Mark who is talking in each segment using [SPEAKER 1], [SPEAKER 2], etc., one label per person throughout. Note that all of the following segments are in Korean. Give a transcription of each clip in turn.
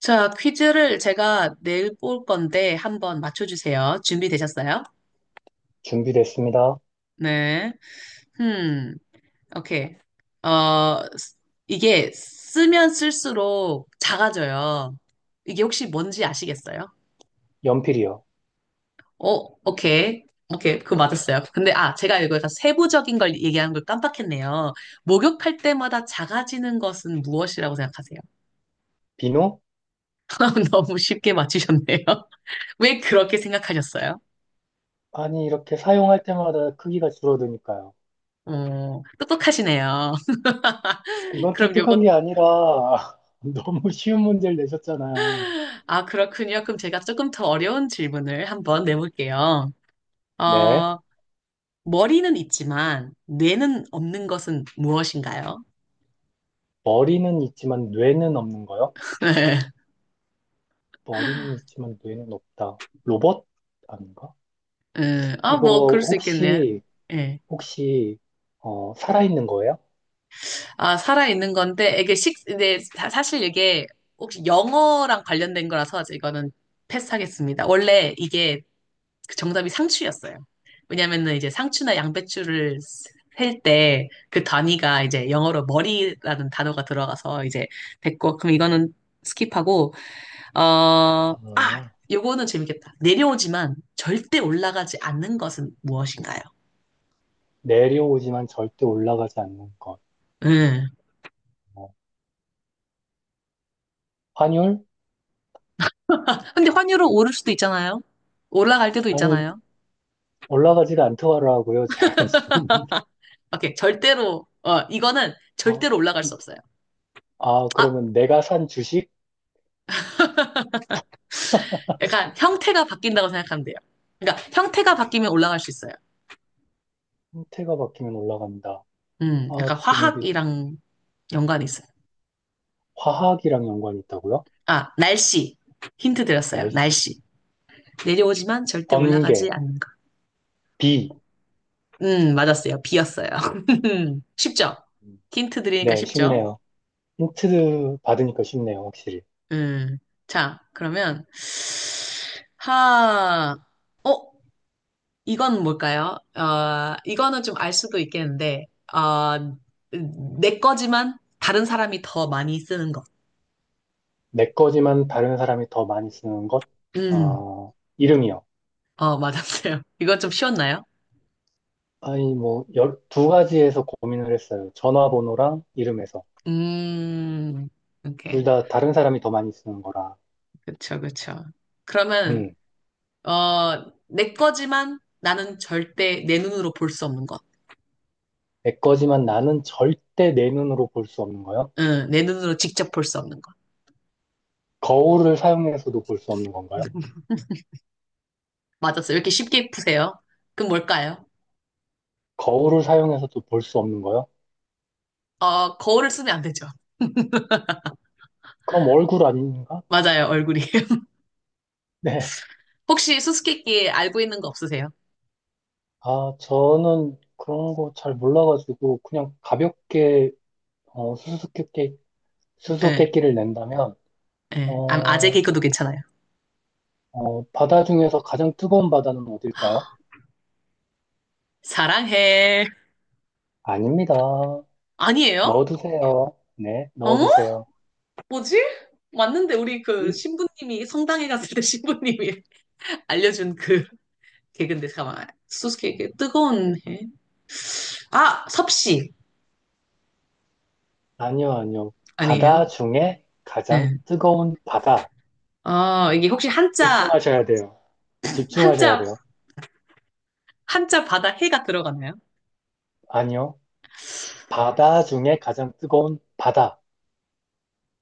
[SPEAKER 1] 자, 퀴즈를 제가 내일 볼 건데 한번 맞춰주세요. 준비되셨어요?
[SPEAKER 2] 준비됐습니다.
[SPEAKER 1] 네. 음, 오케이. 어, 쓰- 이게 쓰면 쓸수록 작아져요. 이게 혹시 뭔지 아시겠어요?
[SPEAKER 2] 연필이요.
[SPEAKER 1] 어, 오케이. 오케이. 그거 맞았어요. 근데, 제가 이거 다 세부적인 걸 얘기하는 걸 깜빡했네요. 목욕할 때마다 작아지는 것은 무엇이라고 생각하세요?
[SPEAKER 2] 비누?
[SPEAKER 1] 너무 쉽게 맞추셨네요. 왜 그렇게 생각하셨어요?
[SPEAKER 2] 아니, 이렇게 사용할 때마다 크기가 줄어드니까요.
[SPEAKER 1] 어, 똑똑하시네요.
[SPEAKER 2] 이건
[SPEAKER 1] 그럼
[SPEAKER 2] 독특한
[SPEAKER 1] 요거,
[SPEAKER 2] 게 아니라 너무 쉬운 문제를 내셨잖아요.
[SPEAKER 1] 그렇군요. 그럼 제가 조금 더 어려운 질문을 한번 내볼게요.
[SPEAKER 2] 네.
[SPEAKER 1] 어, 머리는 있지만 뇌는 없는 것은 무엇인가요?
[SPEAKER 2] 머리는 있지만 뇌는 없는 거요?
[SPEAKER 1] 네.
[SPEAKER 2] 머리는 있지만 뇌는 없다. 로봇? 아닌가? 이거
[SPEAKER 1] 뭐, 그럴 수 있겠네.
[SPEAKER 2] 혹시,
[SPEAKER 1] 예.
[SPEAKER 2] 혹시, 살아있는 거예요?
[SPEAKER 1] 살아있는 건데, 네, 사실 이게 혹시 영어랑 관련된 거라서 이거는 패스하겠습니다. 원래 이게 그 정답이 상추였어요. 왜냐면은 이제 상추나 양배추를 셀 때 그 단위가 이제 영어로 머리라는 단어가 들어가서 이제 됐고, 그럼 이거는 스킵하고, 어, 아,
[SPEAKER 2] 아,
[SPEAKER 1] 요거는 재밌겠다. 내려오지만 절대 올라가지 않는 것은 무엇인가요?
[SPEAKER 2] 내려오지만 절대 올라가지 않는 것.
[SPEAKER 1] 음.
[SPEAKER 2] 어, 환율?
[SPEAKER 1] 근데 환율은 오를 수도 있잖아요. 올라갈 때도
[SPEAKER 2] 아니,
[SPEAKER 1] 있잖아요.
[SPEAKER 2] 올라가지가 않더라고요. 제가 지고 있는 게.
[SPEAKER 1] 오케이, 절대로, 이거는
[SPEAKER 2] 어.
[SPEAKER 1] 절대로 올라갈 수 없어요.
[SPEAKER 2] 아,
[SPEAKER 1] 아,
[SPEAKER 2] 그러면 내가 산 주식.
[SPEAKER 1] 약간 형태가 바뀐다고 생각하면 돼요. 그러니까 형태가 바뀌면 올라갈 수 있어요.
[SPEAKER 2] 형태가 바뀌면 올라간다. 아,
[SPEAKER 1] 약간
[SPEAKER 2] 좀 이게
[SPEAKER 1] 화학이랑 연관이 있어요.
[SPEAKER 2] 화학이랑 연관이 있다고요?
[SPEAKER 1] 아, 날씨. 힌트 드렸어요.
[SPEAKER 2] 날씨,
[SPEAKER 1] 날씨. 내려오지만 절대 올라가지
[SPEAKER 2] 번개,
[SPEAKER 1] 않는 것.
[SPEAKER 2] 비.
[SPEAKER 1] 맞았어요. 비였어요.
[SPEAKER 2] 어,
[SPEAKER 1] 쉽죠?
[SPEAKER 2] 음.
[SPEAKER 1] 힌트 드리니까
[SPEAKER 2] 네,
[SPEAKER 1] 쉽죠?
[SPEAKER 2] 쉽네요. 힌트 받으니까 쉽네요, 확실히.
[SPEAKER 1] 음. 자, 그러면, 하, 어, 이건 뭘까요? 어, 이거는 좀 알 수도 있겠는데, 어, 내 거지만 다른 사람이 더 많이 쓰는 것.
[SPEAKER 2] 내 거지만 다른 사람이 더 많이 쓰는 것,
[SPEAKER 1] 음,
[SPEAKER 2] 이름이요.
[SPEAKER 1] 어, 맞았어요. 이건 좀 쉬웠나요?
[SPEAKER 2] 아니, 뭐, 두 가지에서 고민을 했어요. 전화번호랑 이름에서.
[SPEAKER 1] 음,
[SPEAKER 2] 둘
[SPEAKER 1] 오케이.
[SPEAKER 2] 다 다른 사람이 더 많이 쓰는 거라.
[SPEAKER 1] 그쵸, 그쵸. 그러면,
[SPEAKER 2] 음,
[SPEAKER 1] 내 거지만 나는 절대 내 눈으로 볼 수 없는 것.
[SPEAKER 2] 내 거지만 나는 절대 내 눈으로 볼 수 없는 거요.
[SPEAKER 1] 응, 내 눈으로 직접 볼 수 없는 것.
[SPEAKER 2] 거울을 사용해서도 볼 수 없는 건가요?
[SPEAKER 1] 맞았어요. 왜 이렇게 쉽게 푸세요? 그럼 뭘까요?
[SPEAKER 2] 거울을 사용해서도 볼 수 없는 거요?
[SPEAKER 1] 거울을 쓰면 안 되죠.
[SPEAKER 2] 그럼 얼굴 아닌가?
[SPEAKER 1] 맞아요, 얼굴이.
[SPEAKER 2] 네.
[SPEAKER 1] 혹시 수수께끼 알고 있는 거 없으세요?
[SPEAKER 2] 아, 저는 그런 거 잘 몰라가지고 그냥 가볍게 어, 수수께끼,
[SPEAKER 1] 예,
[SPEAKER 2] 수수께끼를 낸다면
[SPEAKER 1] 예. 아재
[SPEAKER 2] 어,
[SPEAKER 1] 개그도 괜찮아요.
[SPEAKER 2] 바다 중에서 가장 뜨거운 바다는 어딜까요?
[SPEAKER 1] 사랑해.
[SPEAKER 2] 아닙니다.
[SPEAKER 1] 아니에요?
[SPEAKER 2] 넣어두세요. 네,
[SPEAKER 1] 어?
[SPEAKER 2] 넣어두세요.
[SPEAKER 1] 뭐지? 맞는데 우리 그
[SPEAKER 2] 일-
[SPEAKER 1] 신부님이 성당에 갔을 때 신부님이 알려준 그 걔 근데 잠깐만 소스케이크 뜨거운 해. 아 섭씨
[SPEAKER 2] 아니요, 아니요.
[SPEAKER 1] 아니에요?
[SPEAKER 2] 바다 중에 가장
[SPEAKER 1] 네.
[SPEAKER 2] 뜨거운 바다.
[SPEAKER 1] 이게 혹시 한자
[SPEAKER 2] 집중하셔야 돼요. 집중하셔야
[SPEAKER 1] 한자
[SPEAKER 2] 돼요.
[SPEAKER 1] 한자 바다 해가 들어가나요?
[SPEAKER 2] 아니요. 바다 중에 가장 뜨거운 바다.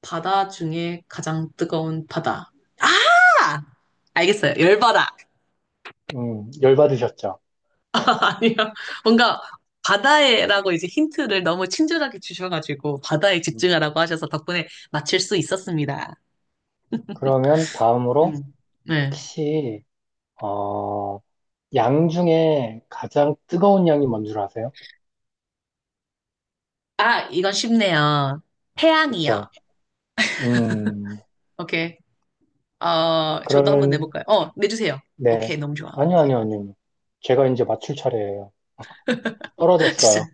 [SPEAKER 1] 바다 중에 가장 뜨거운 바다. 아 알겠어요. 열바다.
[SPEAKER 2] 열받으셨죠?
[SPEAKER 1] 아니요. 뭔가 바다에라고 이제 힌트를 너무 친절하게 주셔가지고 바다에
[SPEAKER 2] 음,
[SPEAKER 1] 집중하라고 하셔서 덕분에 맞출 수 있었습니다.
[SPEAKER 2] 그러면 다음으로
[SPEAKER 1] 음. 네.
[SPEAKER 2] 혹시 어, 양 중에 가장 뜨거운 양이 뭔 줄 아세요?
[SPEAKER 1] 아 이건 쉽네요. 태양이요.
[SPEAKER 2] 그쵸? 음,
[SPEAKER 1] 오케이. 어, 저도 한번
[SPEAKER 2] 그러면
[SPEAKER 1] 내볼까요? 어, 내주세요.
[SPEAKER 2] 네.
[SPEAKER 1] 오케이, 너무 좋아.
[SPEAKER 2] 아니요, 아니요, 아니요. 제가 이제 맞출 차례예요. 떨어졌어요.
[SPEAKER 1] 진짜.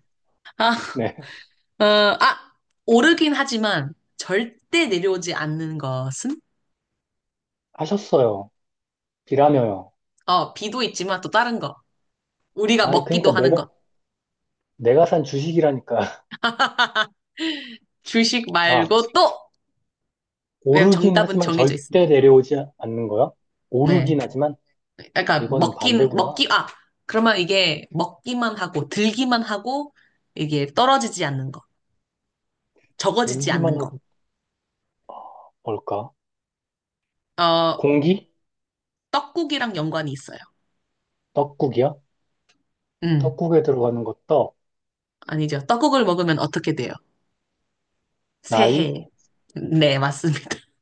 [SPEAKER 1] 아,
[SPEAKER 2] 네.
[SPEAKER 1] 어, 아, 오르긴 하지만 절대 내려오지 않는 것은?
[SPEAKER 2] 하셨어요. 비라며요.
[SPEAKER 1] 어, 비도 있지만 또 다른 거. 우리가
[SPEAKER 2] 아,
[SPEAKER 1] 먹기도
[SPEAKER 2] 그러니까
[SPEAKER 1] 하는
[SPEAKER 2] 내가
[SPEAKER 1] 것.
[SPEAKER 2] 내가 산 주식이라니까.
[SPEAKER 1] 주식
[SPEAKER 2] 아,
[SPEAKER 1] 말고 또! 왜냐면
[SPEAKER 2] 오르긴
[SPEAKER 1] 정답은
[SPEAKER 2] 하지만
[SPEAKER 1] 정해져
[SPEAKER 2] 절대
[SPEAKER 1] 있으니까.
[SPEAKER 2] 내려오지 않는 거요?
[SPEAKER 1] 네.
[SPEAKER 2] 오르긴 하지만 아,
[SPEAKER 1] 그러니까
[SPEAKER 2] 이거는
[SPEAKER 1] 먹긴,
[SPEAKER 2] 반대구나.
[SPEAKER 1] 먹기, 아, 그러면 이게 먹기만 하고, 들기만 하고, 이게 떨어지지 않는 것. 적어지지
[SPEAKER 2] 들기만
[SPEAKER 1] 않는 것.
[SPEAKER 2] 하고 뭘까?
[SPEAKER 1] 어,
[SPEAKER 2] 공기?
[SPEAKER 1] 떡국이랑 연관이 있어요.
[SPEAKER 2] 떡국이야?
[SPEAKER 1] 음,
[SPEAKER 2] 떡국에 들어가는 거 떡.
[SPEAKER 1] 아니죠. 떡국을 먹으면 어떻게 돼요?
[SPEAKER 2] 나이?
[SPEAKER 1] 새해. 네, 맞습니다.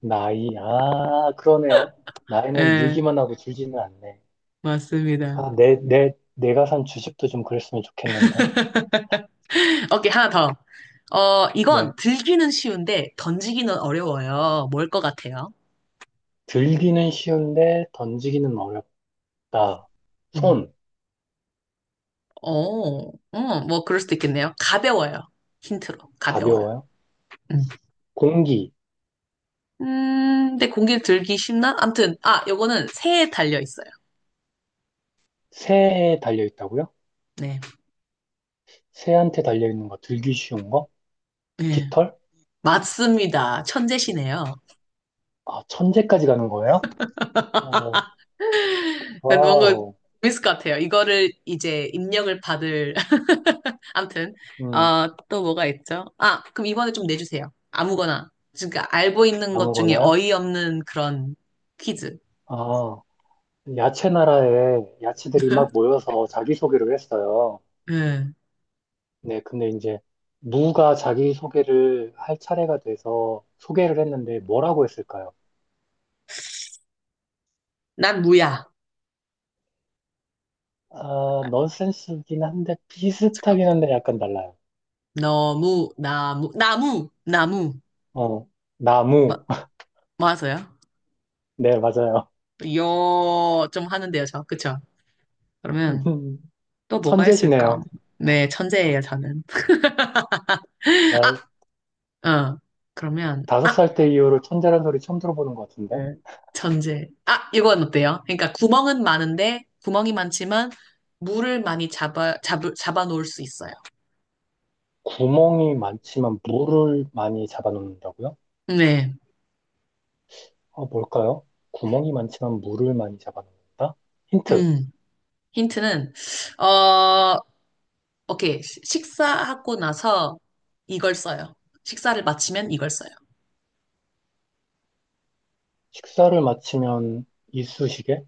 [SPEAKER 2] 나이. 아, 그러네요. 나이는
[SPEAKER 1] 예,
[SPEAKER 2] 늘기만 하고 줄지는 않네.
[SPEAKER 1] 맞습니다.
[SPEAKER 2] 아, 내가 산 주식도 좀 그랬으면 좋겠는데.
[SPEAKER 1] 오케이, 하나 더. 어,
[SPEAKER 2] 네.
[SPEAKER 1] 이건 들기는 쉬운데 던지기는 어려워요. 뭘 것 같아요?
[SPEAKER 2] 들기는 쉬운데 던지기는 어렵다.
[SPEAKER 1] 음.
[SPEAKER 2] 손.
[SPEAKER 1] 뭐 그럴 수도 있겠네요. 가벼워요. 힌트로. 가벼워요.
[SPEAKER 2] 가벼워요.
[SPEAKER 1] 음.
[SPEAKER 2] 공기.
[SPEAKER 1] 근데 공기를 들기 쉽나? 암튼, 요거는 새에 달려 있어요.
[SPEAKER 2] 새에 달려 있다고요?
[SPEAKER 1] 네.
[SPEAKER 2] 새한테 달려 있는 거 들기 쉬운 거?
[SPEAKER 1] 네.
[SPEAKER 2] 깃털?
[SPEAKER 1] 맞습니다. 천재시네요.
[SPEAKER 2] 아, 천재까지 가는 거예요? 오
[SPEAKER 1] 뭔가
[SPEAKER 2] 와우.
[SPEAKER 1] 재밌을 것 같아요. 이거를 이제 입력을 받을 아무튼
[SPEAKER 2] 음,
[SPEAKER 1] 또 뭐가 있죠? 그럼 이번에 좀 내주세요. 아무거나. 그러니까 알고 있는 것 중에
[SPEAKER 2] 아무거나요?
[SPEAKER 1] 어이없는 그런 퀴즈.
[SPEAKER 2] 아, 야채 나라에 야채들이 막 모여서 자기소개를 했어요.
[SPEAKER 1] 응.
[SPEAKER 2] 네, 근데 이제 무가 자기소개를 할 차례가 돼서 소개를 했는데 뭐라고 했을까요?
[SPEAKER 1] 난 무야.
[SPEAKER 2] 아, 넌센스긴 한데
[SPEAKER 1] 잠깐.
[SPEAKER 2] 비슷하긴 한데 약간 달라요.
[SPEAKER 1] 너무 나무 나무 나무
[SPEAKER 2] 어,
[SPEAKER 1] 마,
[SPEAKER 2] 나무.
[SPEAKER 1] 맞아요?
[SPEAKER 2] 네, 맞아요.
[SPEAKER 1] 요좀 하는데요, 저 그쵸? 그러면 또 뭐가
[SPEAKER 2] 천재시네요.
[SPEAKER 1] 있을까? 네, 천재예요, 저는.
[SPEAKER 2] 나
[SPEAKER 1] 아, 어. 그러면
[SPEAKER 2] 다섯 살 때 이후로 천재란 소리 처음 들어보는 것
[SPEAKER 1] 네.
[SPEAKER 2] 같은데?
[SPEAKER 1] 전제. 이건 어때요? 그러니까 구멍은 많은데, 구멍이 많지만, 물을 많이 잡아, 잡, 잡아놓을 수 있어요.
[SPEAKER 2] 구멍이 많지만 물을 많이 잡아놓는다고요?
[SPEAKER 1] 네.
[SPEAKER 2] 뭘까요? 구멍이 많지만 물을 많이 잡아놓는다? 힌트.
[SPEAKER 1] 음. 힌트는, 어, 오케이. 식사하고 나서 이걸 써요. 식사를 마치면 이걸 써요.
[SPEAKER 2] 식사를 마치면 이쑤시개?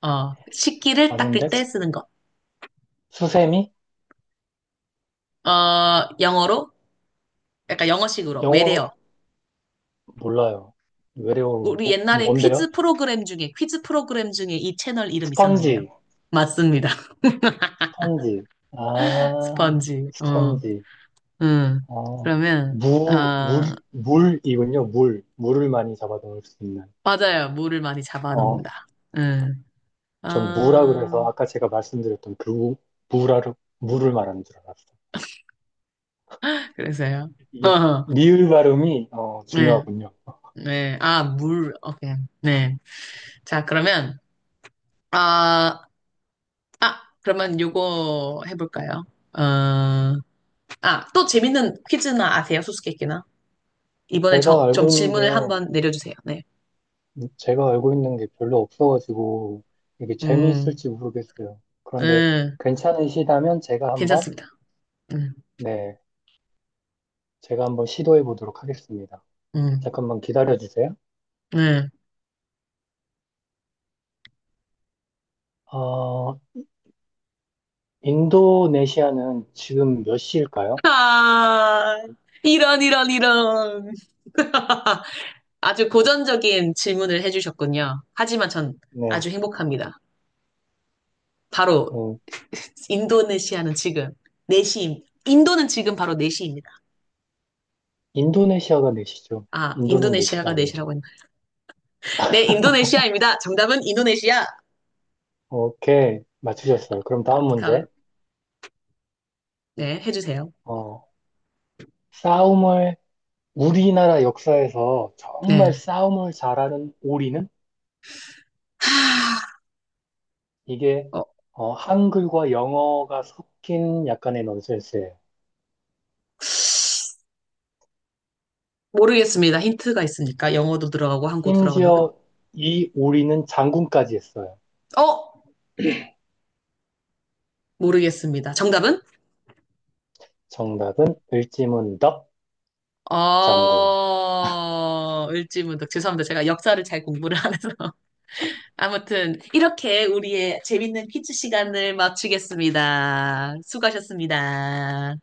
[SPEAKER 1] 어, 식기를
[SPEAKER 2] 아닌데?
[SPEAKER 1] 닦을 때 쓰는 것.
[SPEAKER 2] 수세미?
[SPEAKER 1] 어, 영어로? 약간 영어식으로. 외래어.
[SPEAKER 2] 영어로 몰라요. 외래어로
[SPEAKER 1] 우리
[SPEAKER 2] 뭐-
[SPEAKER 1] 옛날에
[SPEAKER 2] 뭔데요?
[SPEAKER 1] 퀴즈 프로그램 중에, 퀴즈 프로그램 중에 이 채널 이름 있었는데요.
[SPEAKER 2] 스펀지,
[SPEAKER 1] 맞습니다.
[SPEAKER 2] 스펀지. 아,
[SPEAKER 1] 스펀지. 어.
[SPEAKER 2] 스펀지.
[SPEAKER 1] 응.
[SPEAKER 2] 어,
[SPEAKER 1] 그러면,
[SPEAKER 2] 무, 물,
[SPEAKER 1] 아,
[SPEAKER 2] 물이군요. 물. 물을 많이 잡아 넣을 수 있는.
[SPEAKER 1] 맞아요. 물을 많이
[SPEAKER 2] 어,
[SPEAKER 1] 잡아놓는다. 응.
[SPEAKER 2] 전 무라
[SPEAKER 1] 아,
[SPEAKER 2] 그래서 아까 제가 말씀드렸던 그 무, 무라를, 무를 말하는 줄 알았어요.
[SPEAKER 1] 그래서요.
[SPEAKER 2] 이게 미을 발음이
[SPEAKER 1] 네,
[SPEAKER 2] 중요하군요.
[SPEAKER 1] 네. 아, 물, 오케이. 네. 자, 그러면, 아, 아, 그러면 요거 해볼까요? 어, 또 재밌는 퀴즈나 아세요? 수수께끼나? 이번에
[SPEAKER 2] 제가
[SPEAKER 1] 저, 좀
[SPEAKER 2] 알고 있는
[SPEAKER 1] 질문을
[SPEAKER 2] 게
[SPEAKER 1] 한번 내려주세요. 네.
[SPEAKER 2] 제가 알고 있는 게 별로 없어가지고 이게
[SPEAKER 1] 음,
[SPEAKER 2] 재미있을지 모르겠어요. 그런데
[SPEAKER 1] 음,
[SPEAKER 2] 괜찮으시다면 제가 한번,
[SPEAKER 1] 괜찮습니다. 음,
[SPEAKER 2] 네, 제가 한번 시도해 보도록 하겠습니다.
[SPEAKER 1] 음,
[SPEAKER 2] 잠깐만 기다려 주세요.
[SPEAKER 1] 네.
[SPEAKER 2] 어, 인도네시아는 지금 몇 시일까요?
[SPEAKER 1] 아, 이런, 이런, 이런. 아주 고전적인 질문을 해주셨군요. 하지만 전
[SPEAKER 2] 네,
[SPEAKER 1] 아주 행복합니다. 바로
[SPEAKER 2] 어,
[SPEAKER 1] 인도네시아는 지금 4시, 인도는 지금 바로 4시입니다.
[SPEAKER 2] 인도네시아가 4시죠.
[SPEAKER 1] 아,
[SPEAKER 2] 인도는 4시가
[SPEAKER 1] 인도네시아가
[SPEAKER 2] 아니에요.
[SPEAKER 1] 4시라고 했나? 네, 인도네시아입니다. 정답은 인도네시아.
[SPEAKER 2] 오케이, 맞추셨어요. 그럼 다음 문제.
[SPEAKER 1] 감- 네, 해주세요.
[SPEAKER 2] 어, 싸움을, 우리나라 역사에서 정말
[SPEAKER 1] 네.
[SPEAKER 2] 싸움을 잘하는 오리는?
[SPEAKER 1] 하,
[SPEAKER 2] 이게
[SPEAKER 1] 어,
[SPEAKER 2] 한글과 영어가 섞인 약간의 넌센스예요.
[SPEAKER 1] 모르겠습니다. 힌트가 있습니까? 영어도 들어가고 한국도 들어간다고.
[SPEAKER 2] 심지어 이 우리는 장군까지 했어요.
[SPEAKER 1] 어? 모르겠습니다. 정답은?
[SPEAKER 2] 정답은 을지문덕 장군.
[SPEAKER 1] 어, 을지문덕. 죄송합니다. 제가 역사를 잘 공부를 안 해서. 아무튼, 이렇게 우리의 재밌는 퀴즈 시간을 마치겠습니다. 수고하셨습니다.